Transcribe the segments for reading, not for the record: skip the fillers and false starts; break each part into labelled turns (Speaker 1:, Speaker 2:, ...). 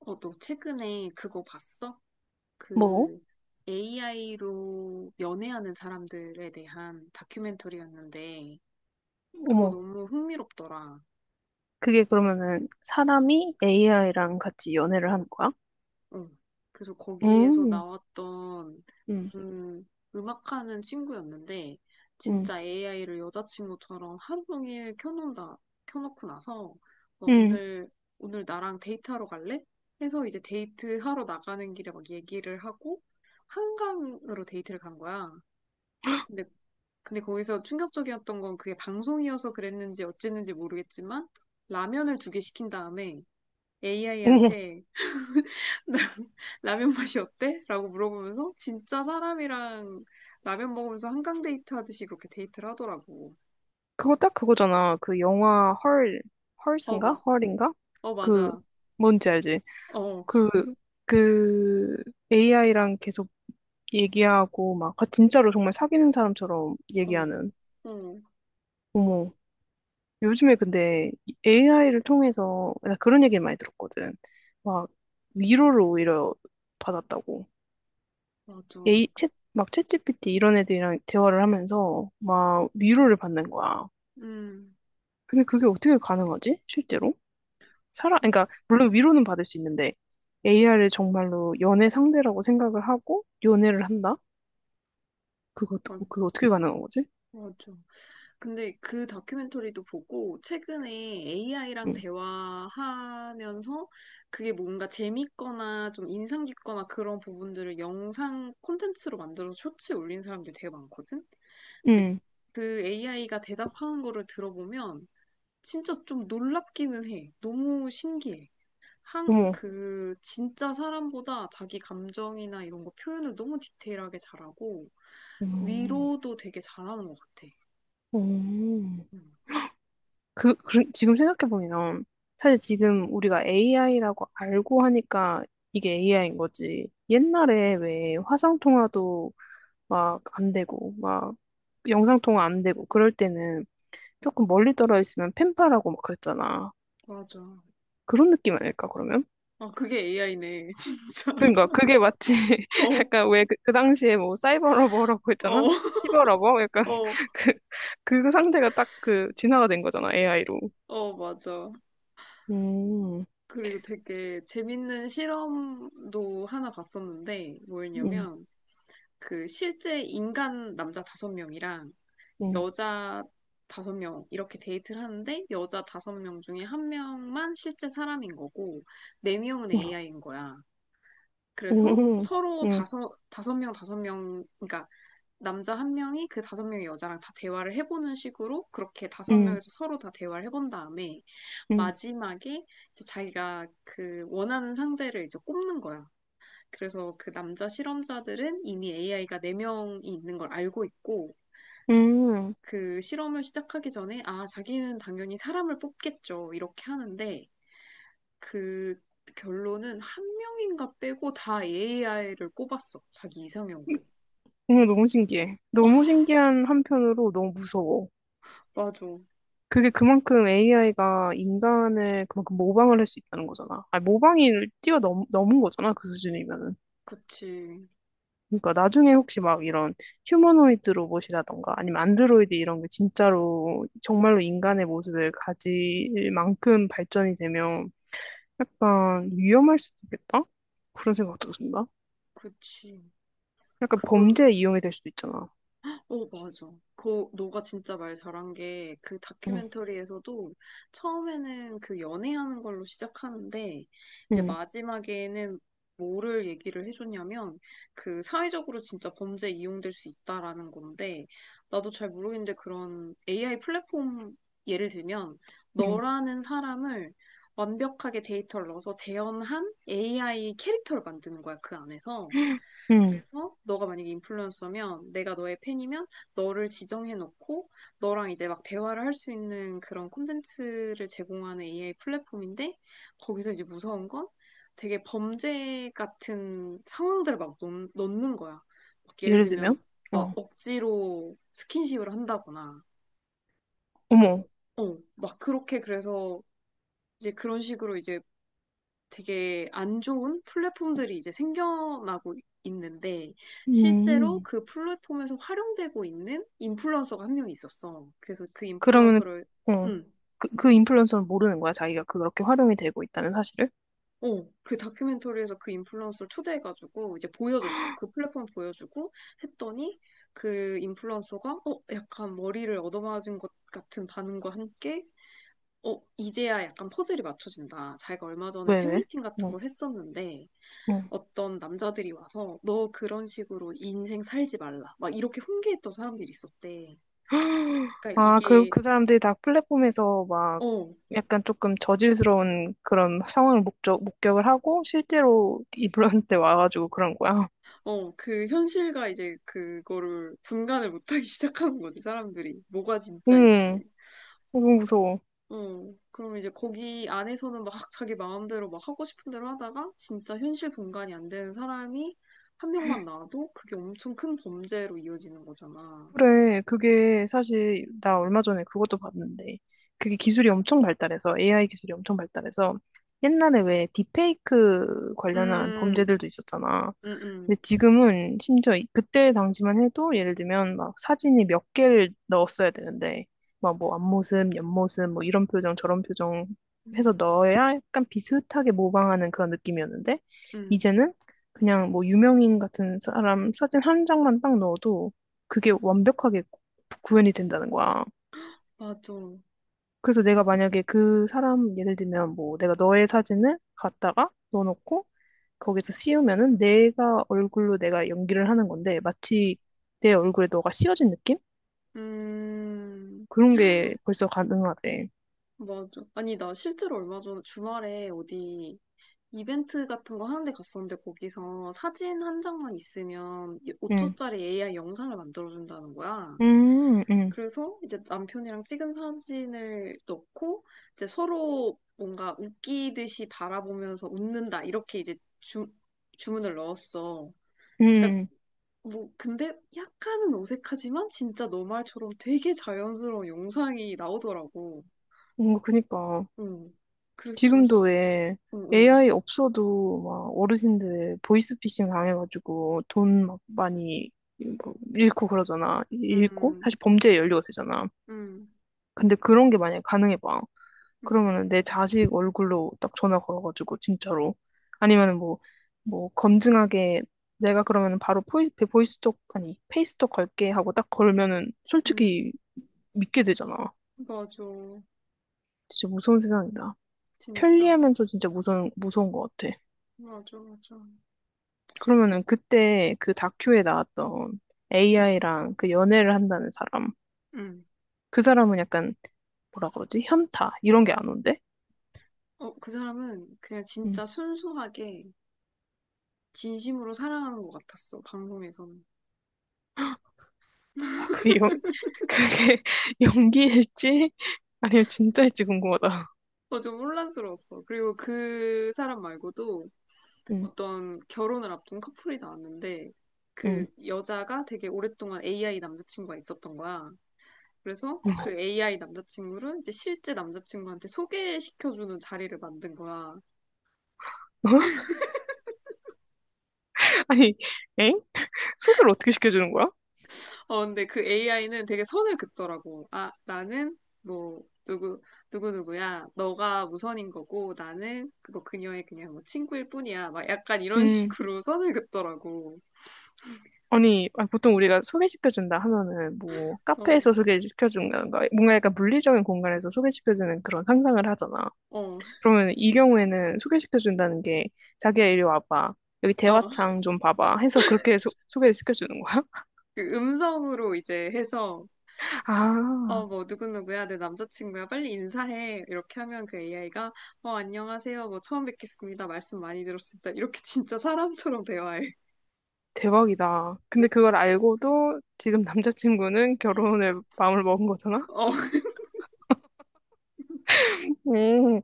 Speaker 1: 어, 너 최근에 그거 봤어?
Speaker 2: 뭐?
Speaker 1: 그 AI로 연애하는 사람들에 대한 다큐멘터리였는데,
Speaker 2: 어머,
Speaker 1: 그거 너무 흥미롭더라.
Speaker 2: 그게 그러면은 사람이 AI랑 같이 연애를 하는 거야?
Speaker 1: 응. 그래서 거기에서
Speaker 2: 음,
Speaker 1: 나왔던,
Speaker 2: 응.
Speaker 1: 음, 음악하는 친구였는데,
Speaker 2: 음,
Speaker 1: 진짜 AI를 여자친구처럼 하루 종일 켜놓는다, 켜놓고 나서,
Speaker 2: 음.
Speaker 1: 오늘, 오늘 나랑 데이트하러 갈래? 해서 이제 데이트하러 나가는 길에 막 얘기를 하고, 한강으로 데이트를 간 거야. 근데, 근데 거기서 충격적이었던 건 그게 방송이어서 그랬는지 어쨌는지 모르겠지만 라면을 두 개 시킨 다음에
Speaker 2: 어머,
Speaker 1: AI한테 라면 맛이 어때? 라고 물어보면서 진짜 사람이랑 라면 먹으면서 한강 데이트 하듯이 그렇게 데이트를 하더라고.
Speaker 2: 그거 딱 그거잖아. 그 영화 헐,
Speaker 1: 어,
Speaker 2: 헐스인가?
Speaker 1: 봐.
Speaker 2: 헐인가?
Speaker 1: 어,
Speaker 2: 그,
Speaker 1: 맞아.
Speaker 2: 뭔지 알지?
Speaker 1: 어,
Speaker 2: 그, 그 AI랑 계속 얘기하고 막 진짜로 정말 사귀는 사람처럼
Speaker 1: 어,
Speaker 2: 얘기하는.
Speaker 1: 어,
Speaker 2: 어머, 요즘에 근데 AI를 통해서 나 그런 얘기를 많이 들었거든. 막 위로를 오히려 받았다고.
Speaker 1: 맞아.
Speaker 2: 얘, 막 챗GPT 이런 애들이랑 대화를 하면서 막 위로를 받는 거야.
Speaker 1: 음,
Speaker 2: 근데 그게 어떻게 가능하지? 실제로? 그러니까 물론 위로는 받을 수 있는데 AI를 정말로 연애 상대라고 생각을 하고 연애를 한다? 그거
Speaker 1: 어,
Speaker 2: 그거 어떻게 가능한 거지?
Speaker 1: 맞아. 근데 그 다큐멘터리도 보고 최근에 AI랑
Speaker 2: 응,
Speaker 1: 대화하면서 그게 뭔가 재밌거나 좀 인상 깊거나 그런 부분들을 영상 콘텐츠로 만들어서 쇼츠에 올린 사람들이 되게 많거든? 근데
Speaker 2: 응,
Speaker 1: 그 AI가 대답하는 거를 들어보면 진짜 좀 놀랍기는 해. 너무 신기해. 한,
Speaker 2: 어머,
Speaker 1: 그, 진짜 사람보다 자기 감정이나 이런 거 표현을 너무 디테일하게 잘하고
Speaker 2: 음,
Speaker 1: 위로도 되게 잘하는 것 같아.
Speaker 2: 음.
Speaker 1: 음,
Speaker 2: 그 지금 생각해 보면 사실 지금 우리가 AI라고 알고 하니까 이게 AI인 거지. 옛날에 왜 화상 통화도 막 안 되고 막 영상통화 안 되고 그럴 때는 조금 멀리 떨어 있으면 팬파라고 막 그랬잖아.
Speaker 1: 맞아.
Speaker 2: 그런 느낌 아닐까 그러면?
Speaker 1: 아, 그게 AI네, 진짜.
Speaker 2: 그러니까 그게 마치
Speaker 1: 어,
Speaker 2: 약간 왜그 그 당시에 뭐 사이버러버라고
Speaker 1: 어,
Speaker 2: 했잖아? 시버러버? 약간
Speaker 1: 어,
Speaker 2: 그 상태가 딱 그 진화가 된 거잖아 AI로.
Speaker 1: 어, 맞아.
Speaker 2: 음,
Speaker 1: 그리고 되게 재밌는 실험도 하나 봤었는데,
Speaker 2: 음,
Speaker 1: 뭐였냐면, 그 실제 인간 남자 다섯 명이랑
Speaker 2: 음,
Speaker 1: 여자 다섯 명 이렇게 데이트를 하는데, 여자 다섯 명 중에 한 명만 실제 사람인 거고, 네 명은
Speaker 2: 음,
Speaker 1: AI인 거야. 그래서
Speaker 2: 음,
Speaker 1: 서로
Speaker 2: 음,
Speaker 1: 다섯 명, 다섯 명, 그러니까 남자 한 명이 그 다섯 명의 여자랑 다 대화를 해보는 식으로 그렇게 다섯
Speaker 2: 음,
Speaker 1: 명에서 서로 다 대화를 해본 다음에 마지막에 이제 자기가 그 원하는 상대를 이제 꼽는 거야. 그래서 그 남자 실험자들은 이미 AI가 네명이 있는 걸 알고 있고
Speaker 2: 음.
Speaker 1: 그 실험을 시작하기 전에 아, 자기는 당연히 사람을 뽑겠죠. 이렇게 하는데 그 결론은 한 명인가 빼고 다 AI를 꼽았어. 자기 이상형으로.
Speaker 2: 너무 신기해.
Speaker 1: 어,
Speaker 2: 너무 신기한 한편으로 너무 무서워.
Speaker 1: 맞아.
Speaker 2: 그게 그만큼 AI가 인간을 그만큼 모방을 할 수 있다는 거잖아. 아니, 모방이 넘은 거잖아, 그 수준이면은.
Speaker 1: 그치,
Speaker 2: 그러니까 나중에 혹시 막 이런 휴머노이드 로봇이라던가 아니면 안드로이드 이런 게 진짜로 정말로 인간의 모습을 가질 만큼 발전이 되면 약간 위험할 수도 있겠다? 그런 생각도 든다.
Speaker 1: 그치.
Speaker 2: 약간
Speaker 1: 그거,
Speaker 2: 범죄에 이용이 될 수도 있잖아.
Speaker 1: 어, 맞아. 그, 너가 진짜 말 잘한 게, 그
Speaker 2: 응,
Speaker 1: 다큐멘터리에서도 처음에는 그 연애하는 걸로 시작하는데, 이제
Speaker 2: 응,
Speaker 1: 마지막에는 뭐를 얘기를 해줬냐면, 그 사회적으로 진짜 범죄에 이용될 수 있다라는 건데, 나도 잘 모르겠는데 그런 AI 플랫폼 예를 들면,
Speaker 2: 응,
Speaker 1: 너라는 사람을 완벽하게 데이터를 넣어서 재현한 AI 캐릭터를 만드는 거야, 그 안에서.
Speaker 2: 응.
Speaker 1: 그래서 너가 만약에 인플루언서면 내가 너의 팬이면 너를 지정해놓고 너랑 이제 막 대화를 할 수 있는 그런 콘텐츠를 제공하는 AI 플랫폼인데 거기서 이제 무서운 건 되게 범죄 같은 상황들을 막 넣는 거야. 막 예를
Speaker 2: 예를
Speaker 1: 들면
Speaker 2: 들면?
Speaker 1: 막
Speaker 2: 어,
Speaker 1: 억지로 스킨십을 한다거나
Speaker 2: 어머.
Speaker 1: 어, 막 그렇게 그래서 이제 그런 식으로 이제 되게 안 좋은 플랫폼들이 이제 생겨나고 있는데 실제로
Speaker 2: 음,
Speaker 1: 그 플랫폼에서 활용되고 있는 인플루언서가 한 명 있었어. 그래서 그
Speaker 2: 그러면은,
Speaker 1: 인플루언서를
Speaker 2: 어.
Speaker 1: 응.
Speaker 2: 그 인플루언서는 모르는 거야, 자기가 그렇게 활용이 되고 있다는 사실을?
Speaker 1: 어, 그 다큐멘터리에서 그 인플루언서를 초대해가지고 이제 보여줬어. 그 플랫폼 보여주고 했더니 그 인플루언서가 어, 약간 머리를 얻어맞은 것 같은 반응과 함께 어, 이제야 약간 퍼즐이 맞춰진다. 자기가 얼마 전에
Speaker 2: 왜, 왜?
Speaker 1: 팬미팅 같은
Speaker 2: 응,
Speaker 1: 걸 했었는데
Speaker 2: 응.
Speaker 1: 어떤 남자들이 와서 너 그런 식으로 인생 살지 말라. 막 이렇게 훈계했던 사람들이 있었대. 그러니까
Speaker 2: 아, 그,
Speaker 1: 이게
Speaker 2: 그 사람들이 다 플랫폼에서 막
Speaker 1: 어,
Speaker 2: 약간 조금 저질스러운 그런 상황을 목격을 하고 실제로 인플루언서한테 와가지고 그런 거야.
Speaker 1: 어, 그 현실과 이제 그거를 분간을 못하기 시작하는 거지, 사람들이. 뭐가 진짜인지.
Speaker 2: 응, 너무 무서워.
Speaker 1: 어, 그럼 이제 거기 안에서는 막 자기 마음대로 막 하고 싶은 대로 하다가 진짜 현실 분간이 안 되는 사람이 한 명만 나와도 그게 엄청 큰 범죄로 이어지는 거잖아.
Speaker 2: 그래, 그게 사실 나 얼마 전에 그것도 봤는데 그게 기술이 엄청 발달해서 AI 기술이 엄청 발달해서 옛날에 왜 딥페이크 관련한
Speaker 1: 음,
Speaker 2: 범죄들도 있었잖아.
Speaker 1: 음, 음,
Speaker 2: 근데 지금은 심지어 그때 당시만 해도 예를 들면 막 사진이 몇 개를 넣었어야 되는데 막 뭐 앞모습, 옆모습 뭐 이런 표정 저런 표정
Speaker 1: 음,
Speaker 2: 해서 넣어야 약간 비슷하게 모방하는 그런 느낌이었는데
Speaker 1: 음,
Speaker 2: 이제는 그냥 뭐 유명인 같은 사람 사진 한 장만 딱 넣어도 그게 완벽하게 현이 된다는 거야.
Speaker 1: 맞아.
Speaker 2: 그래서 내가 만약에 그 사람 예를 들면 뭐 내가 너의 사진을 갖다가 넣어놓고 거기서 씌우면은 내가 얼굴로 내가 연기를 하는 건데 마치 내 얼굴에 너가 씌워진 느낌?
Speaker 1: 음,
Speaker 2: 그런 게 벌써 가능하대.
Speaker 1: 맞아. 아니, 나 실제로 얼마 전에 주말에 어디 이벤트 같은 거 하는데 갔었는데 거기서 사진 한 장만 있으면
Speaker 2: 응.
Speaker 1: 5초짜리 AI 영상을 만들어준다는 거야.
Speaker 2: 음, 음,
Speaker 1: 그래서 이제 남편이랑 찍은 사진을 넣고 이제 서로 뭔가 웃기듯이 바라보면서 웃는다. 이렇게 이제 주문을 넣었어. 그러니까
Speaker 2: 음.
Speaker 1: 뭐, 근데 약간은 어색하지만 진짜 너 말처럼 되게 자연스러운 영상이 나오더라고.
Speaker 2: 그니까.
Speaker 1: 응. 그래서 좀,
Speaker 2: 지금도 왜
Speaker 1: 응, 응.
Speaker 2: AI 없어도 막 어르신들 보이스피싱 당해가지고 돈 막 많이 뭐 잃고 그러잖아. 잃고?
Speaker 1: 응,
Speaker 2: 사실 범죄의 연료가 되잖아.
Speaker 1: 응,
Speaker 2: 근데 그런 게 만약에 가능해봐.
Speaker 1: 응,
Speaker 2: 그러면은 내 자식 얼굴로 딱 전화 걸어가지고 진짜로 아니면은 뭐 뭐 검증하게 내가 그러면은 바로 보이스톡 아니 페이스톡 걸게 하고 딱 걸면은
Speaker 1: 응.
Speaker 2: 솔직히 믿게 되잖아.
Speaker 1: 맞아.
Speaker 2: 진짜 무서운 세상이다.
Speaker 1: 진짜.
Speaker 2: 편리하면서 진짜 무서운 무서운 것 같아.
Speaker 1: 맞아, 맞아.
Speaker 2: 그러면은 그때 그 다큐에 나왔던
Speaker 1: 응,
Speaker 2: AI랑 그 연애를 한다는 사람
Speaker 1: 응.
Speaker 2: 그 사람은 약간 뭐라 그러지 현타 이런 게 안 온대.
Speaker 1: 어, 그 사람은 그냥
Speaker 2: 음.
Speaker 1: 진짜 순수하게 진심으로 사랑하는 것 같았어, 방송에서는.
Speaker 2: 그 영, 그게 연기일지 아니면 진짜일지 궁금하다.
Speaker 1: 어, 좀 혼란스러웠어. 그리고 그 사람 말고도
Speaker 2: 응,
Speaker 1: 어떤 결혼을 앞둔 커플이 나왔는데
Speaker 2: 응,
Speaker 1: 그 여자가 되게 오랫동안 AI 남자친구가 있었던 거야. 그래서 그
Speaker 2: 어머.
Speaker 1: AI 남자친구를 이제 실제 남자친구한테 소개시켜주는 자리를 만든 거야.
Speaker 2: 아니, 엥? 소개를 어떻게 시켜주는 거야?
Speaker 1: 어, 근데 그 AI는 되게 선을 긋더라고. 누구누구야. 너가 우선인 거고, 나는 그거 그녀의 그냥 뭐 친구일 뿐이야. 막 약간 이런
Speaker 2: 응,
Speaker 1: 식으로 선을 긋더라고.
Speaker 2: 아니, 아 보통 우리가 소개시켜준다 하면은 뭐
Speaker 1: 어,
Speaker 2: 카페에서 소개시켜준다던가 뭔가 약간 물리적인 공간에서 소개시켜주는 그런 상상을 하잖아.
Speaker 1: 어,
Speaker 2: 그러면 이 경우에는 소개시켜준다는 게 자기야 이리 와봐. 여기
Speaker 1: 어.
Speaker 2: 대화창 좀 봐봐 해서 그렇게 소개를 시켜주는 거야?
Speaker 1: 그 음성으로 이제 해서 어,
Speaker 2: 아.
Speaker 1: 뭐, 누구누구야, 내 남자친구야, 빨리 인사해. 이렇게 하면 그 AI가, 어, 안녕하세요, 뭐, 처음 뵙겠습니다. 말씀 많이 들었습니다. 이렇게 진짜 사람처럼 대화해.
Speaker 2: 대박이다. 근데 그걸 알고도 지금 남자친구는 결혼을 마음을 먹은 거잖아?
Speaker 1: 어,
Speaker 2: 음,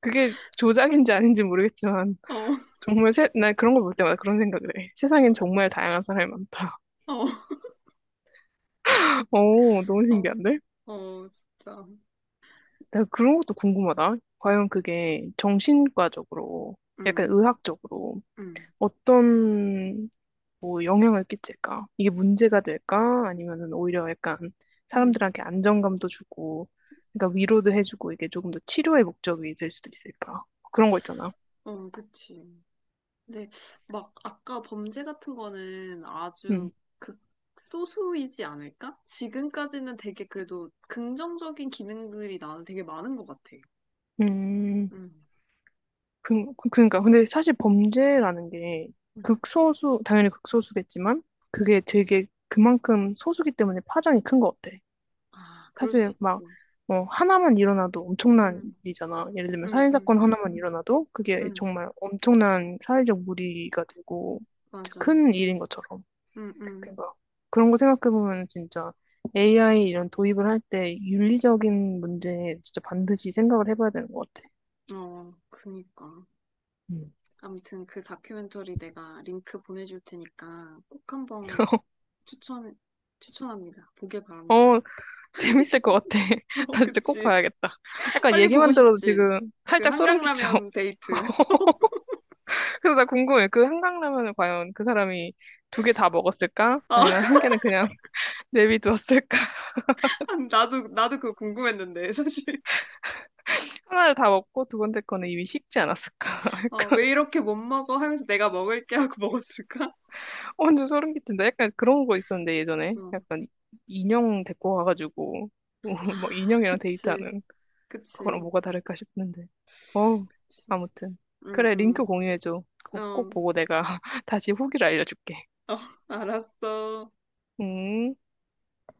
Speaker 2: 그게 조작인지 아닌지 모르겠지만,
Speaker 1: 어,
Speaker 2: 나 그런 거 볼 때마다 그런 생각을 해. 세상엔 정말 다양한 사람이 많다.
Speaker 1: 어,
Speaker 2: 오, 너무
Speaker 1: 어,
Speaker 2: 신기한데?
Speaker 1: 어, 진짜.
Speaker 2: 나 그런 것도 궁금하다. 과연 그게 정신과적으로, 약간
Speaker 1: 응.
Speaker 2: 의학적으로,
Speaker 1: 응.
Speaker 2: 어떤 뭐 영향을 끼칠까? 이게 문제가 될까? 아니면은 오히려 약간
Speaker 1: 응.
Speaker 2: 사람들한테 안정감도 주고, 그러니까 위로도 해주고 이게 조금 더 치료의 목적이 될 수도 있을까? 그런 거 있잖아.
Speaker 1: 어, 그치. 근데 막, 아까 범죄 같은 거는
Speaker 2: 음,
Speaker 1: 아주 극소수이지 않을까? 지금까지는 되게 그래도 긍정적인 기능들이 나는 되게 많은 것 같아.
Speaker 2: 음,
Speaker 1: 응.
Speaker 2: 그러니까 근데 사실 범죄라는 게
Speaker 1: 응.
Speaker 2: 극소수, 당연히 극소수겠지만 그게 되게 그만큼 소수기 때문에 파장이 큰 것 같아.
Speaker 1: 아, 그럴 수
Speaker 2: 사실 막,
Speaker 1: 있지.
Speaker 2: 뭐, 하나만 일어나도 엄청난
Speaker 1: 응.
Speaker 2: 일이잖아. 예를 들면
Speaker 1: 응,
Speaker 2: 살인사건
Speaker 1: 응,
Speaker 2: 하나만 일어나도 그게
Speaker 1: 응,
Speaker 2: 정말 엄청난 사회적 무리가 되고 진짜
Speaker 1: 맞아.
Speaker 2: 큰 일인 것처럼.
Speaker 1: 응, 응.
Speaker 2: 그러니까 그런 거 생각해보면 진짜 AI 이런 도입을 할 때 윤리적인 문제에 진짜 반드시 생각을 해봐야 되는 것 같아.
Speaker 1: 어, 그니까.
Speaker 2: 음.
Speaker 1: 아무튼 그 다큐멘터리 내가 링크 보내줄 테니까 꼭 한번 추천, 추천합니다. 보길 바랍니다.
Speaker 2: 어, 재밌을 것 같아.
Speaker 1: 어,
Speaker 2: 나 진짜 꼭
Speaker 1: 그치.
Speaker 2: 봐야겠다. 약간
Speaker 1: 빨리 보고
Speaker 2: 얘기만 들어도
Speaker 1: 싶지.
Speaker 2: 지금
Speaker 1: 그
Speaker 2: 살짝 소름 끼쳐.
Speaker 1: 한강라면 데이트.
Speaker 2: 그래서 나 궁금해. 그 한강라면을 과연 그 사람이 두 개 다 먹었을까?
Speaker 1: 어,
Speaker 2: 아니면 한 개는 그냥 내비두었을까?
Speaker 1: 나도 그거 궁금했는데, 사실.
Speaker 2: 하나를 다 먹고 두 번째 거는 이미 식지 않았을까?
Speaker 1: 어,
Speaker 2: 약간
Speaker 1: 왜 이렇게 못 먹어 하면서 내가 먹을게 하고 먹었을까?
Speaker 2: 완전 소름 끼친다. 약간 그런 거 있었는데 예전에
Speaker 1: 어.
Speaker 2: 약간 인형 데리고 와가지고 뭐, 뭐
Speaker 1: 아,
Speaker 2: 인형이랑
Speaker 1: 그치.
Speaker 2: 데이트하는 그거랑
Speaker 1: 그치.
Speaker 2: 뭐가 다를까 싶는데. 어
Speaker 1: 그치.
Speaker 2: 아무튼
Speaker 1: 응,
Speaker 2: 그래 링크
Speaker 1: 응.
Speaker 2: 공유해줘. 그거 꼭
Speaker 1: 어,
Speaker 2: 보고 내가 다시 후기를 알려줄게.
Speaker 1: 어, 알았어.
Speaker 2: 음.